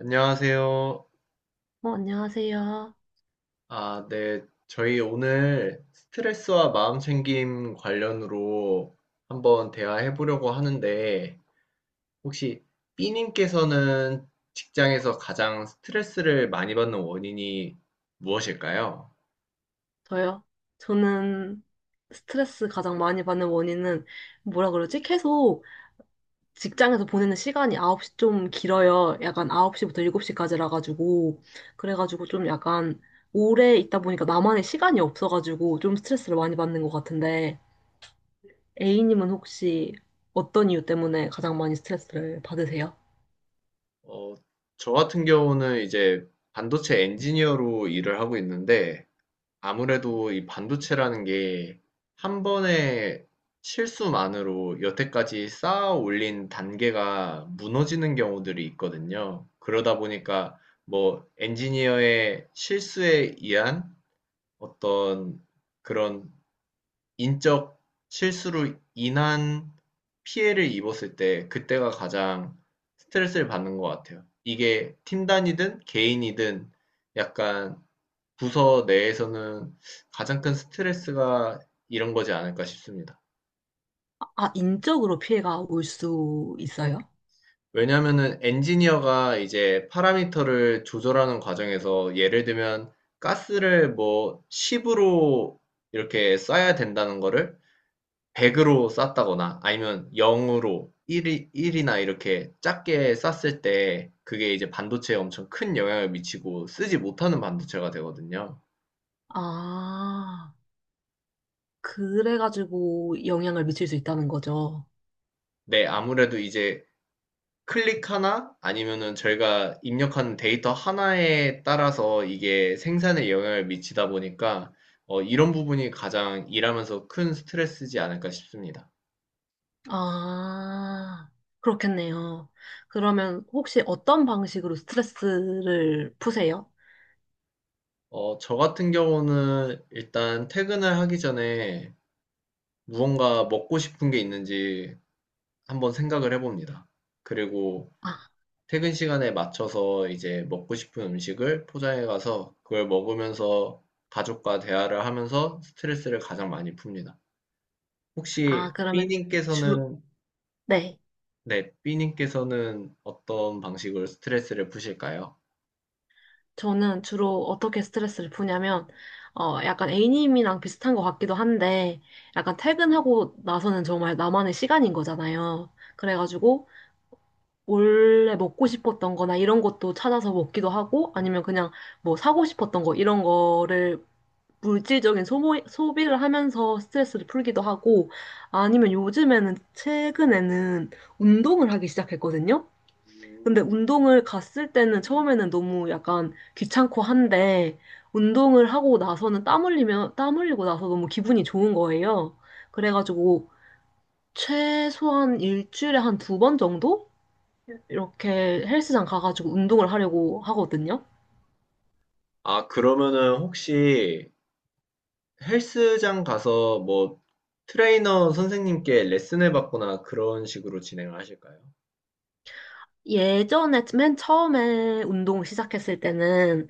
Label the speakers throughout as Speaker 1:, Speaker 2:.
Speaker 1: 안녕하세요.
Speaker 2: 어, 안녕하세요.
Speaker 1: 아, 네. 저희 오늘 스트레스와 마음챙김 관련으로 한번 대화해 보려고 하는데, 혹시 B님께서는 직장에서 가장 스트레스를 많이 받는 원인이 무엇일까요?
Speaker 2: 저요. 저는 스트레스 가장 많이 받는 원인은 뭐라 그러지? 계속 직장에서 보내는 시간이 9시 좀 길어요. 약간 9시부터 7시까지라 가지고 그래가지고 좀 약간 오래 있다 보니까 나만의 시간이 없어 가지고 좀 스트레스를 많이 받는 것 같은데 A님은 혹시 어떤 이유 때문에 가장 많이 스트레스를 받으세요?
Speaker 1: 어, 저 같은 경우는 이제 반도체 엔지니어로 일을 하고 있는데, 아무래도 이 반도체라는 게 한 번의 실수만으로 여태까지 쌓아 올린 단계가 무너지는 경우들이 있거든요. 그러다 보니까 뭐 엔지니어의 실수에 의한 어떤 그런 인적 실수로 인한 피해를 입었을 때 그때가 가장 스트레스를 받는 것 같아요. 이게 팀 단위든 개인이든 약간 부서 내에서는 가장 큰 스트레스가 이런 거지 않을까 싶습니다.
Speaker 2: 아, 인적으로 피해가 올 수 있어요?
Speaker 1: 왜냐하면은 엔지니어가 이제 파라미터를 조절하는 과정에서 예를 들면 가스를 뭐 10으로 이렇게 쏴야 된다는 거를 100으로 쐈다거나 아니면 0으로 1, 1이나 이렇게 작게 쐈을 때 그게 이제 반도체에 엄청 큰 영향을 미치고 쓰지 못하는 반도체가 되거든요.
Speaker 2: 아. 그래가지고 영향을 미칠 수 있다는 거죠.
Speaker 1: 네, 아무래도 이제 클릭 하나 아니면은 저희가 입력한 데이터 하나에 따라서 이게 생산에 영향을 미치다 보니까 이런 부분이 가장 일하면서 큰 스트레스지 않을까 싶습니다.
Speaker 2: 아, 그렇겠네요. 그러면 혹시 어떤 방식으로 스트레스를 푸세요?
Speaker 1: 저 같은 경우는 일단 퇴근을 하기 전에 무언가 먹고 싶은 게 있는지 한번 생각을 해봅니다. 그리고
Speaker 2: 아,
Speaker 1: 퇴근 시간에 맞춰서 이제 먹고 싶은 음식을 포장해 가서 그걸 먹으면서 가족과 대화를 하면서 스트레스를 가장 많이 풉니다.
Speaker 2: 아,
Speaker 1: 혹시
Speaker 2: 그러면 주로,
Speaker 1: B님께서는,
Speaker 2: 네.
Speaker 1: 네, B님께서는 어떤 방식으로 스트레스를 푸실까요?
Speaker 2: 저는 주로 어떻게 스트레스를 푸냐면, 어, 약간 A님이랑 비슷한 것 같기도 한데, 약간 퇴근하고 나서는 정말 나만의 시간인 거잖아요. 그래가지고, 원래 먹고 싶었던 거나 이런 것도 찾아서 먹기도 하고, 아니면 그냥 뭐 사고 싶었던 거, 이런 거를 물질적인 소모, 소비를 하면서 스트레스를 풀기도 하고, 아니면 요즘에는, 최근에는 운동을 하기 시작했거든요? 근데 운동을 갔을 때는 처음에는 너무 약간 귀찮고 한데, 운동을 하고 나서는 땀 흘리면, 땀 흘리고 나서 너무 기분이 좋은 거예요. 그래가지고, 최소한 일주일에 한 두 번 정도? 이렇게 헬스장 가가지고 운동을 하려고 하거든요?
Speaker 1: 아, 그러면은 혹시 헬스장 가서 뭐 트레이너 선생님께 레슨을 받거나 그런 식으로 진행을 하실까요?
Speaker 2: 예전에 맨 처음에 운동 시작했을 때는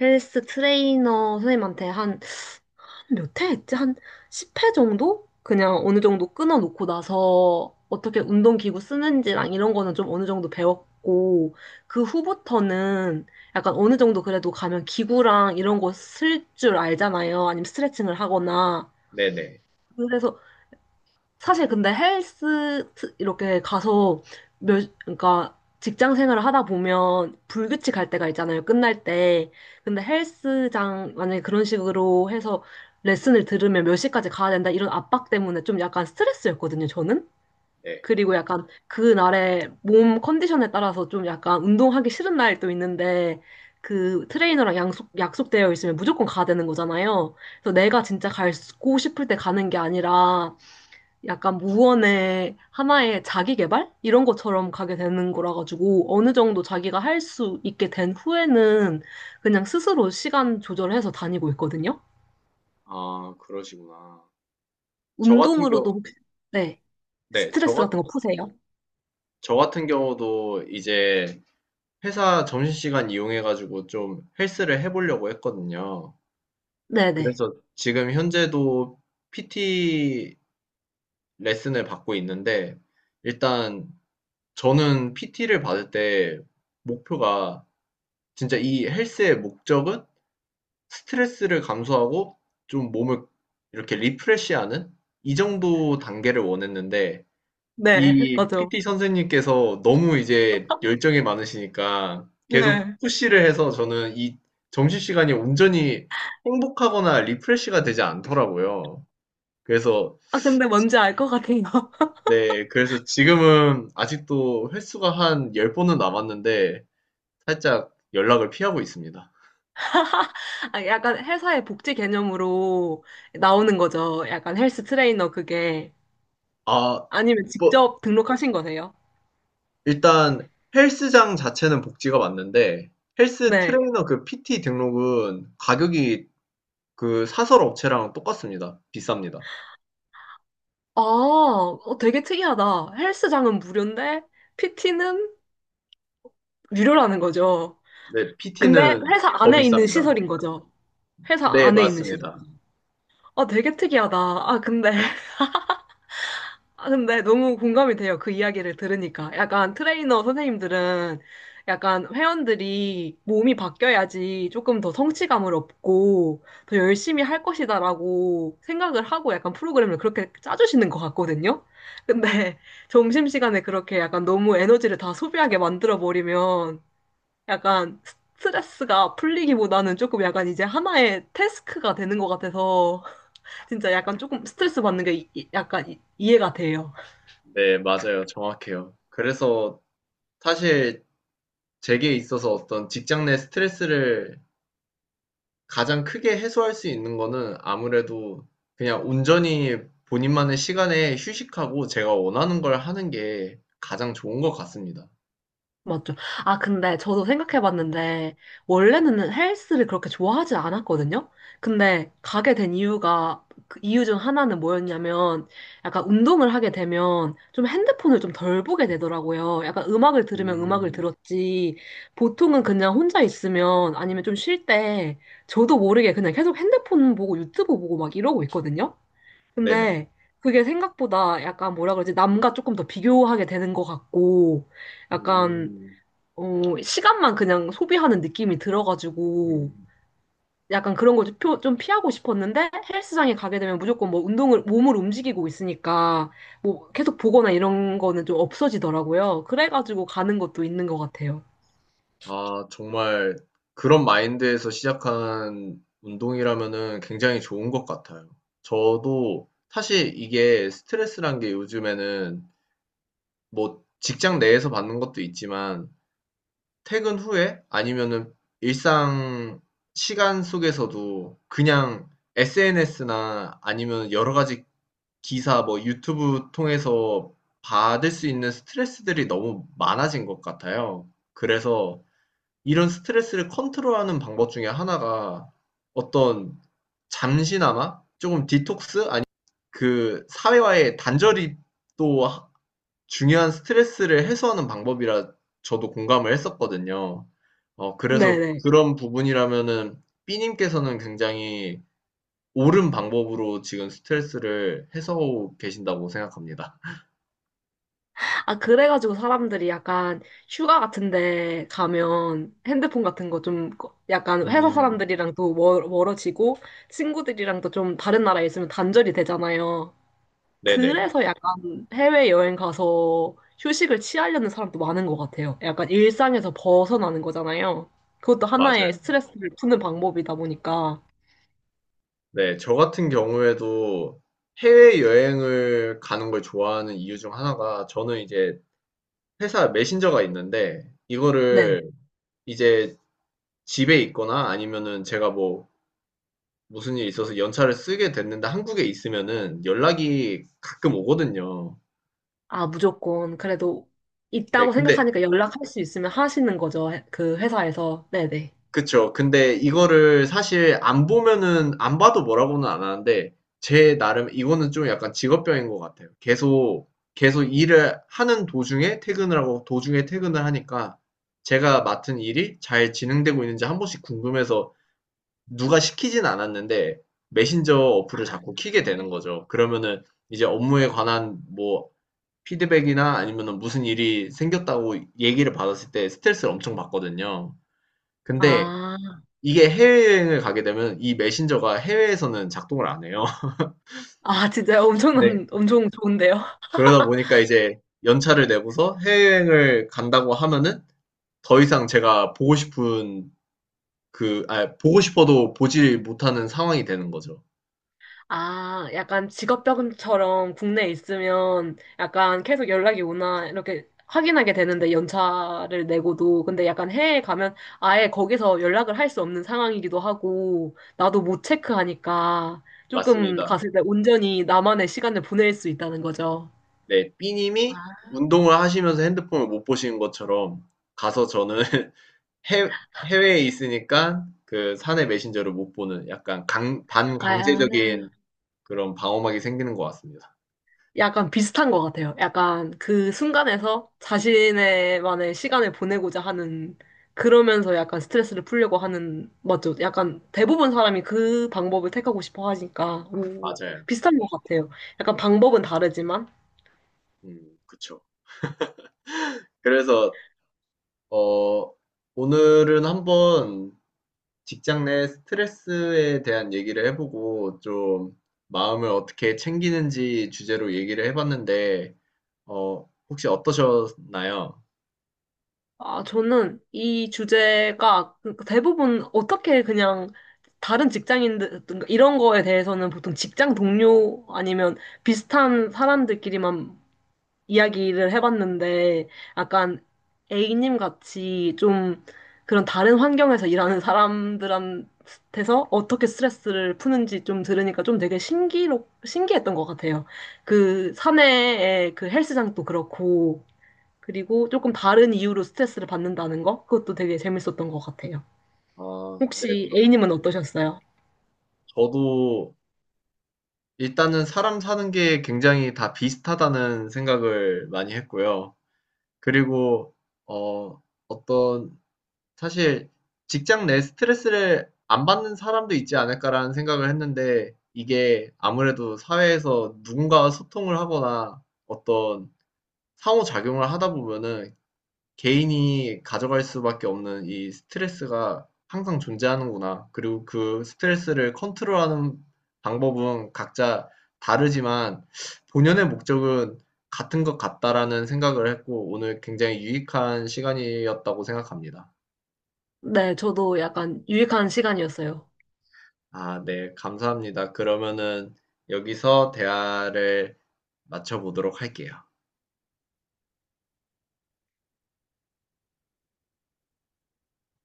Speaker 2: 헬스 트레이너 선생님한테 한 몇 회 했지? 한 10회 정도? 그냥 어느 정도 끊어놓고 나서 어떻게 운동기구 쓰는지랑 이런 거는 좀 어느 정도 배웠고 그 후부터는 약간 어느 정도 그래도 가면 기구랑 이런 거 쓸 줄 알잖아요. 아니면 스트레칭을 하거나.
Speaker 1: 네네,
Speaker 2: 그래서 사실 근데 이렇게 가서 몇, 그러니까 직장 생활을 하다 보면 불규칙할 때가 있잖아요. 끝날 때. 근데 헬스장 만약에 그런 식으로 해서 레슨을 들으면 몇 시까지 가야 된다 이런 압박 때문에 좀 약간 스트레스였거든요, 저는.
Speaker 1: 네.
Speaker 2: 그리고 약간 그날의 몸 컨디션에 따라서 좀 약간 운동하기 싫은 날도 있는데 그 트레이너랑 약속되어 있으면 무조건 가야 되는 거잖아요. 그래서 내가 진짜 가고 싶을 때 가는 게 아니라 약간 무언의 하나의 자기 개발? 이런 것처럼 가게 되는 거라 가지고 어느 정도 자기가 할 수 있게 된 후에는 그냥 스스로 시간 조절해서 다니고 있거든요.
Speaker 1: 아, 그러시구나. 저 같은
Speaker 2: 운동으로도
Speaker 1: 경우,
Speaker 2: 혹시, 네,
Speaker 1: 네,
Speaker 2: 스트레스 같은 거 푸세요?
Speaker 1: 저 같은 경우도 이제 회사 점심시간 이용해가지고 좀 헬스를 해보려고 했거든요.
Speaker 2: 네네.
Speaker 1: 그래서 지금 현재도 PT 레슨을 받고 있는데 일단 저는 PT를 받을 때 목표가 진짜 이 헬스의 목적은 스트레스를 감소하고 좀 몸을 이렇게 리프레시하는 이 정도 단계를 원했는데
Speaker 2: 네,
Speaker 1: 이
Speaker 2: 맞아요.
Speaker 1: PT 선생님께서 너무 이제 열정이 많으시니까 계속
Speaker 2: 네.
Speaker 1: 푸시를 해서 저는 이 점심시간이 온전히 행복하거나 리프레시가 되지 않더라고요. 그래서
Speaker 2: 아, 근데 뭔지 알 것 같아요.
Speaker 1: 네, 그래서 지금은 아직도 횟수가 한 10번은 남았는데 살짝 연락을 피하고 있습니다.
Speaker 2: 아, 약간 회사의 복지 개념으로 나오는 거죠. 약간 헬스 트레이너 그게.
Speaker 1: 아,
Speaker 2: 아니면
Speaker 1: 뭐,
Speaker 2: 직접 등록하신 거세요?
Speaker 1: 일단 헬스장 자체는 복지가 맞는데 헬스
Speaker 2: 네.
Speaker 1: 트레이너 그 PT 등록은 가격이 그 사설 업체랑 똑같습니다. 비쌉니다.
Speaker 2: 아, 어, 되게 특이하다. 헬스장은 무료인데 PT는 유료라는 거죠.
Speaker 1: 네,
Speaker 2: 근데
Speaker 1: PT는
Speaker 2: 회사
Speaker 1: 더
Speaker 2: 안에 있는
Speaker 1: 비쌉니다.
Speaker 2: 시설인 거죠. 회사
Speaker 1: 네,
Speaker 2: 안에 있는 시설.
Speaker 1: 맞습니다.
Speaker 2: 아, 되게 특이하다. 아, 근데 아, 근데 너무 공감이 돼요. 그 이야기를 들으니까. 약간 트레이너 선생님들은 약간 회원들이 몸이 바뀌어야지 조금 더 성취감을 얻고 더 열심히 할 것이다라고 생각을 하고 약간 프로그램을 그렇게 짜주시는 것 같거든요. 근데 점심시간에 그렇게 약간 너무 에너지를 다 소비하게 만들어버리면 약간 스트레스가 풀리기보다는 조금 약간 이제 하나의 태스크가 되는 것 같아서 진짜 약간 조금 스트레스 받는 게 이해가 돼요.
Speaker 1: 네, 맞아요. 정확해요. 그래서 사실 제게 있어서 어떤 직장 내 스트레스를 가장 크게 해소할 수 있는 거는 아무래도 그냥 온전히 본인만의 시간에 휴식하고 제가 원하는 걸 하는 게 가장 좋은 것 같습니다.
Speaker 2: 맞죠. 아, 근데 저도 생각해봤는데, 원래는 헬스를 그렇게 좋아하지 않았거든요? 근데 가게 된 이유가, 그 이유 중 하나는 뭐였냐면, 약간 운동을 하게 되면 좀 핸드폰을 좀 덜 보게 되더라고요. 약간 음악을 들으면 음악을
Speaker 1: 음.
Speaker 2: 들었지, 보통은 그냥 혼자 있으면 아니면 좀 쉴 때, 저도 모르게 그냥 계속 핸드폰 보고 유튜브 보고 막 이러고 있거든요?
Speaker 1: 네네.
Speaker 2: 근데 그게 생각보다 약간 뭐라 그러지, 남과 조금 더 비교하게 되는 것 같고, 약간
Speaker 1: 음.
Speaker 2: 어, 시간만 그냥 소비하는 느낌이 들어가지고
Speaker 1: 음.
Speaker 2: 약간 그런 걸 좀 피하고 싶었는데 헬스장에 가게 되면 무조건 뭐 운동을 몸을 움직이고 있으니까 뭐 계속 보거나 이런 거는 좀 없어지더라고요. 그래가지고 가는 것도 있는 것 같아요.
Speaker 1: 아, 정말 그런 마인드에서 시작한 운동이라면은 굉장히 좋은 것 같아요. 저도 사실 이게 스트레스란 게 요즘에는 뭐 직장 내에서 받는 것도 있지만 퇴근 후에 아니면은 일상 시간 속에서도 그냥 SNS나 아니면 여러 가지 기사 뭐 유튜브 통해서 받을 수 있는 스트레스들이 너무 많아진 것 같아요. 그래서 이런 스트레스를 컨트롤하는 방법 중에 하나가 어떤 잠시나마 조금 디톡스 아니 그 사회와의 단절이 또 중요한 스트레스를 해소하는 방법이라 저도 공감을 했었거든요. 그래서
Speaker 2: 네네.
Speaker 1: 그런 부분이라면은 B 님께서는 굉장히 옳은 방법으로 지금 스트레스를 해소하고 계신다고 생각합니다.
Speaker 2: 아, 그래가지고 사람들이 약간 휴가 같은데 가면 핸드폰 같은 거 좀 약간 회사
Speaker 1: 음.
Speaker 2: 사람들이랑도 멀어지고 친구들이랑도 좀 다른 나라에 있으면 단절이 되잖아요.
Speaker 1: 네네.
Speaker 2: 그래서 약간 해외여행 가서 휴식을 취하려는 사람도 많은 것 같아요. 약간 일상에서 벗어나는 거잖아요. 그것도 하나의
Speaker 1: 맞아요.
Speaker 2: 스트레스를 푸는 방법이다 보니까.
Speaker 1: 네. 저 같은 경우에도 해외여행을 가는 걸 좋아하는 이유 중 하나가 저는 이제 회사 메신저가 있는데
Speaker 2: 네.
Speaker 1: 이거를 이제 집에 있거나 아니면은 제가 뭐 무슨 일이 있어서 연차를 쓰게 됐는데 한국에 있으면은 연락이 가끔 오거든요.
Speaker 2: 아, 무조건. 그래도
Speaker 1: 네,
Speaker 2: 있다고
Speaker 1: 근데
Speaker 2: 생각하니까 연락할 수 있으면 하시는 거죠. 그 회사에서. 네네.
Speaker 1: 그쵸. 근데 이거를 사실 안 보면은 안 봐도 뭐라고는 안 하는데 제 나름 이거는 좀 약간 직업병인 것 같아요. 계속 일을 하는 도중에 퇴근을 하고 도중에 퇴근을 하니까 제가 맡은 일이 잘 진행되고 있는지 한 번씩 궁금해서 누가 시키진 않았는데 메신저 어플을
Speaker 2: 아,
Speaker 1: 자꾸 켜게 되는 거죠. 그러면은 이제 업무에 관한 뭐 피드백이나 아니면은 무슨 일이 생겼다고 얘기를 받았을 때 스트레스를 엄청 받거든요. 근데
Speaker 2: 아,
Speaker 1: 이게 해외여행을 가게 되면 이 메신저가 해외에서는 작동을 안 해요.
Speaker 2: 아, 진짜
Speaker 1: 네.
Speaker 2: 엄청난, 엄청 좋은데요?
Speaker 1: 그러다 보니까 이제 연차를 내고서 해외여행을 간다고 하면은 더 이상 제가 보고 싶은 보고 싶어도 보지 못하는 상황이 되는 거죠.
Speaker 2: 아, 약간 직업병처럼 국내에 있으면 약간 계속 연락이 오나 이렇게 확인하게 되는데 연차를 내고도 근데 약간 해외에 가면 아예 거기서 연락을 할 수 없는 상황이기도 하고 나도 못 체크하니까 조금
Speaker 1: 맞습니다.
Speaker 2: 갔을 때 온전히 나만의 시간을 보낼 수 있다는 거죠.
Speaker 1: 네. B님이 운동을 하시면서 핸드폰을 못 보시는 것처럼 가서 저는 해 해외에 있으니까 그 사내 메신저를 못 보는 약간 강
Speaker 2: 아,
Speaker 1: 반강제적인 그런 방어막이 생기는 것 같습니다.
Speaker 2: 약간 비슷한 것 같아요. 약간 그 순간에서 자신의만의 시간을 보내고자 하는, 그러면서 약간 스트레스를 풀려고 하는, 맞죠? 약간 대부분 사람이 그 방법을 택하고 싶어 하니까, 오,
Speaker 1: 맞아요.
Speaker 2: 비슷한 것 같아요. 약간 방법은 다르지만,
Speaker 1: 그쵸. 그래서, 어, 오늘은 한번 직장 내 스트레스에 대한 얘기를 해보고 좀 마음을 어떻게 챙기는지 주제로 얘기를 해봤는데, 혹시 어떠셨나요?
Speaker 2: 아, 저는 이 주제가 그 대부분 어떻게 그냥 다른 직장인들, 이런 거에 대해서는 보통 직장 동료 아니면 비슷한 사람들끼리만 이야기를 해봤는데 약간 A님 같이 좀 그런 다른 환경에서 일하는 사람들한테서 어떻게 스트레스를 푸는지 좀 들으니까 좀 되게 신기했던 것 같아요. 그 사내의 그 헬스장도 그렇고 그리고 조금 다른 이유로 스트레스를 받는다는 거 그것도 되게 재밌었던 것 같아요.
Speaker 1: 아, 네.
Speaker 2: 혹시
Speaker 1: 저,
Speaker 2: A님은 어떠셨어요?
Speaker 1: 저도 일단은 사람 사는 게 굉장히 다 비슷하다는 생각을 많이 했고요. 그리고 어 어떤 사실 직장 내 스트레스를 안 받는 사람도 있지 않을까라는 생각을 했는데 이게 아무래도 사회에서 누군가와 소통을 하거나 어떤 상호작용을 하다 보면은 개인이 가져갈 수밖에 없는 이 스트레스가 항상 존재하는구나. 그리고 그 스트레스를 컨트롤하는 방법은 각자 다르지만 본연의 목적은 같은 것 같다라는 생각을 했고 오늘 굉장히 유익한 시간이었다고 생각합니다.
Speaker 2: 네, 저도 약간 유익한 시간이었어요.
Speaker 1: 아, 네, 감사합니다. 그러면은 여기서 대화를 마쳐보도록 할게요.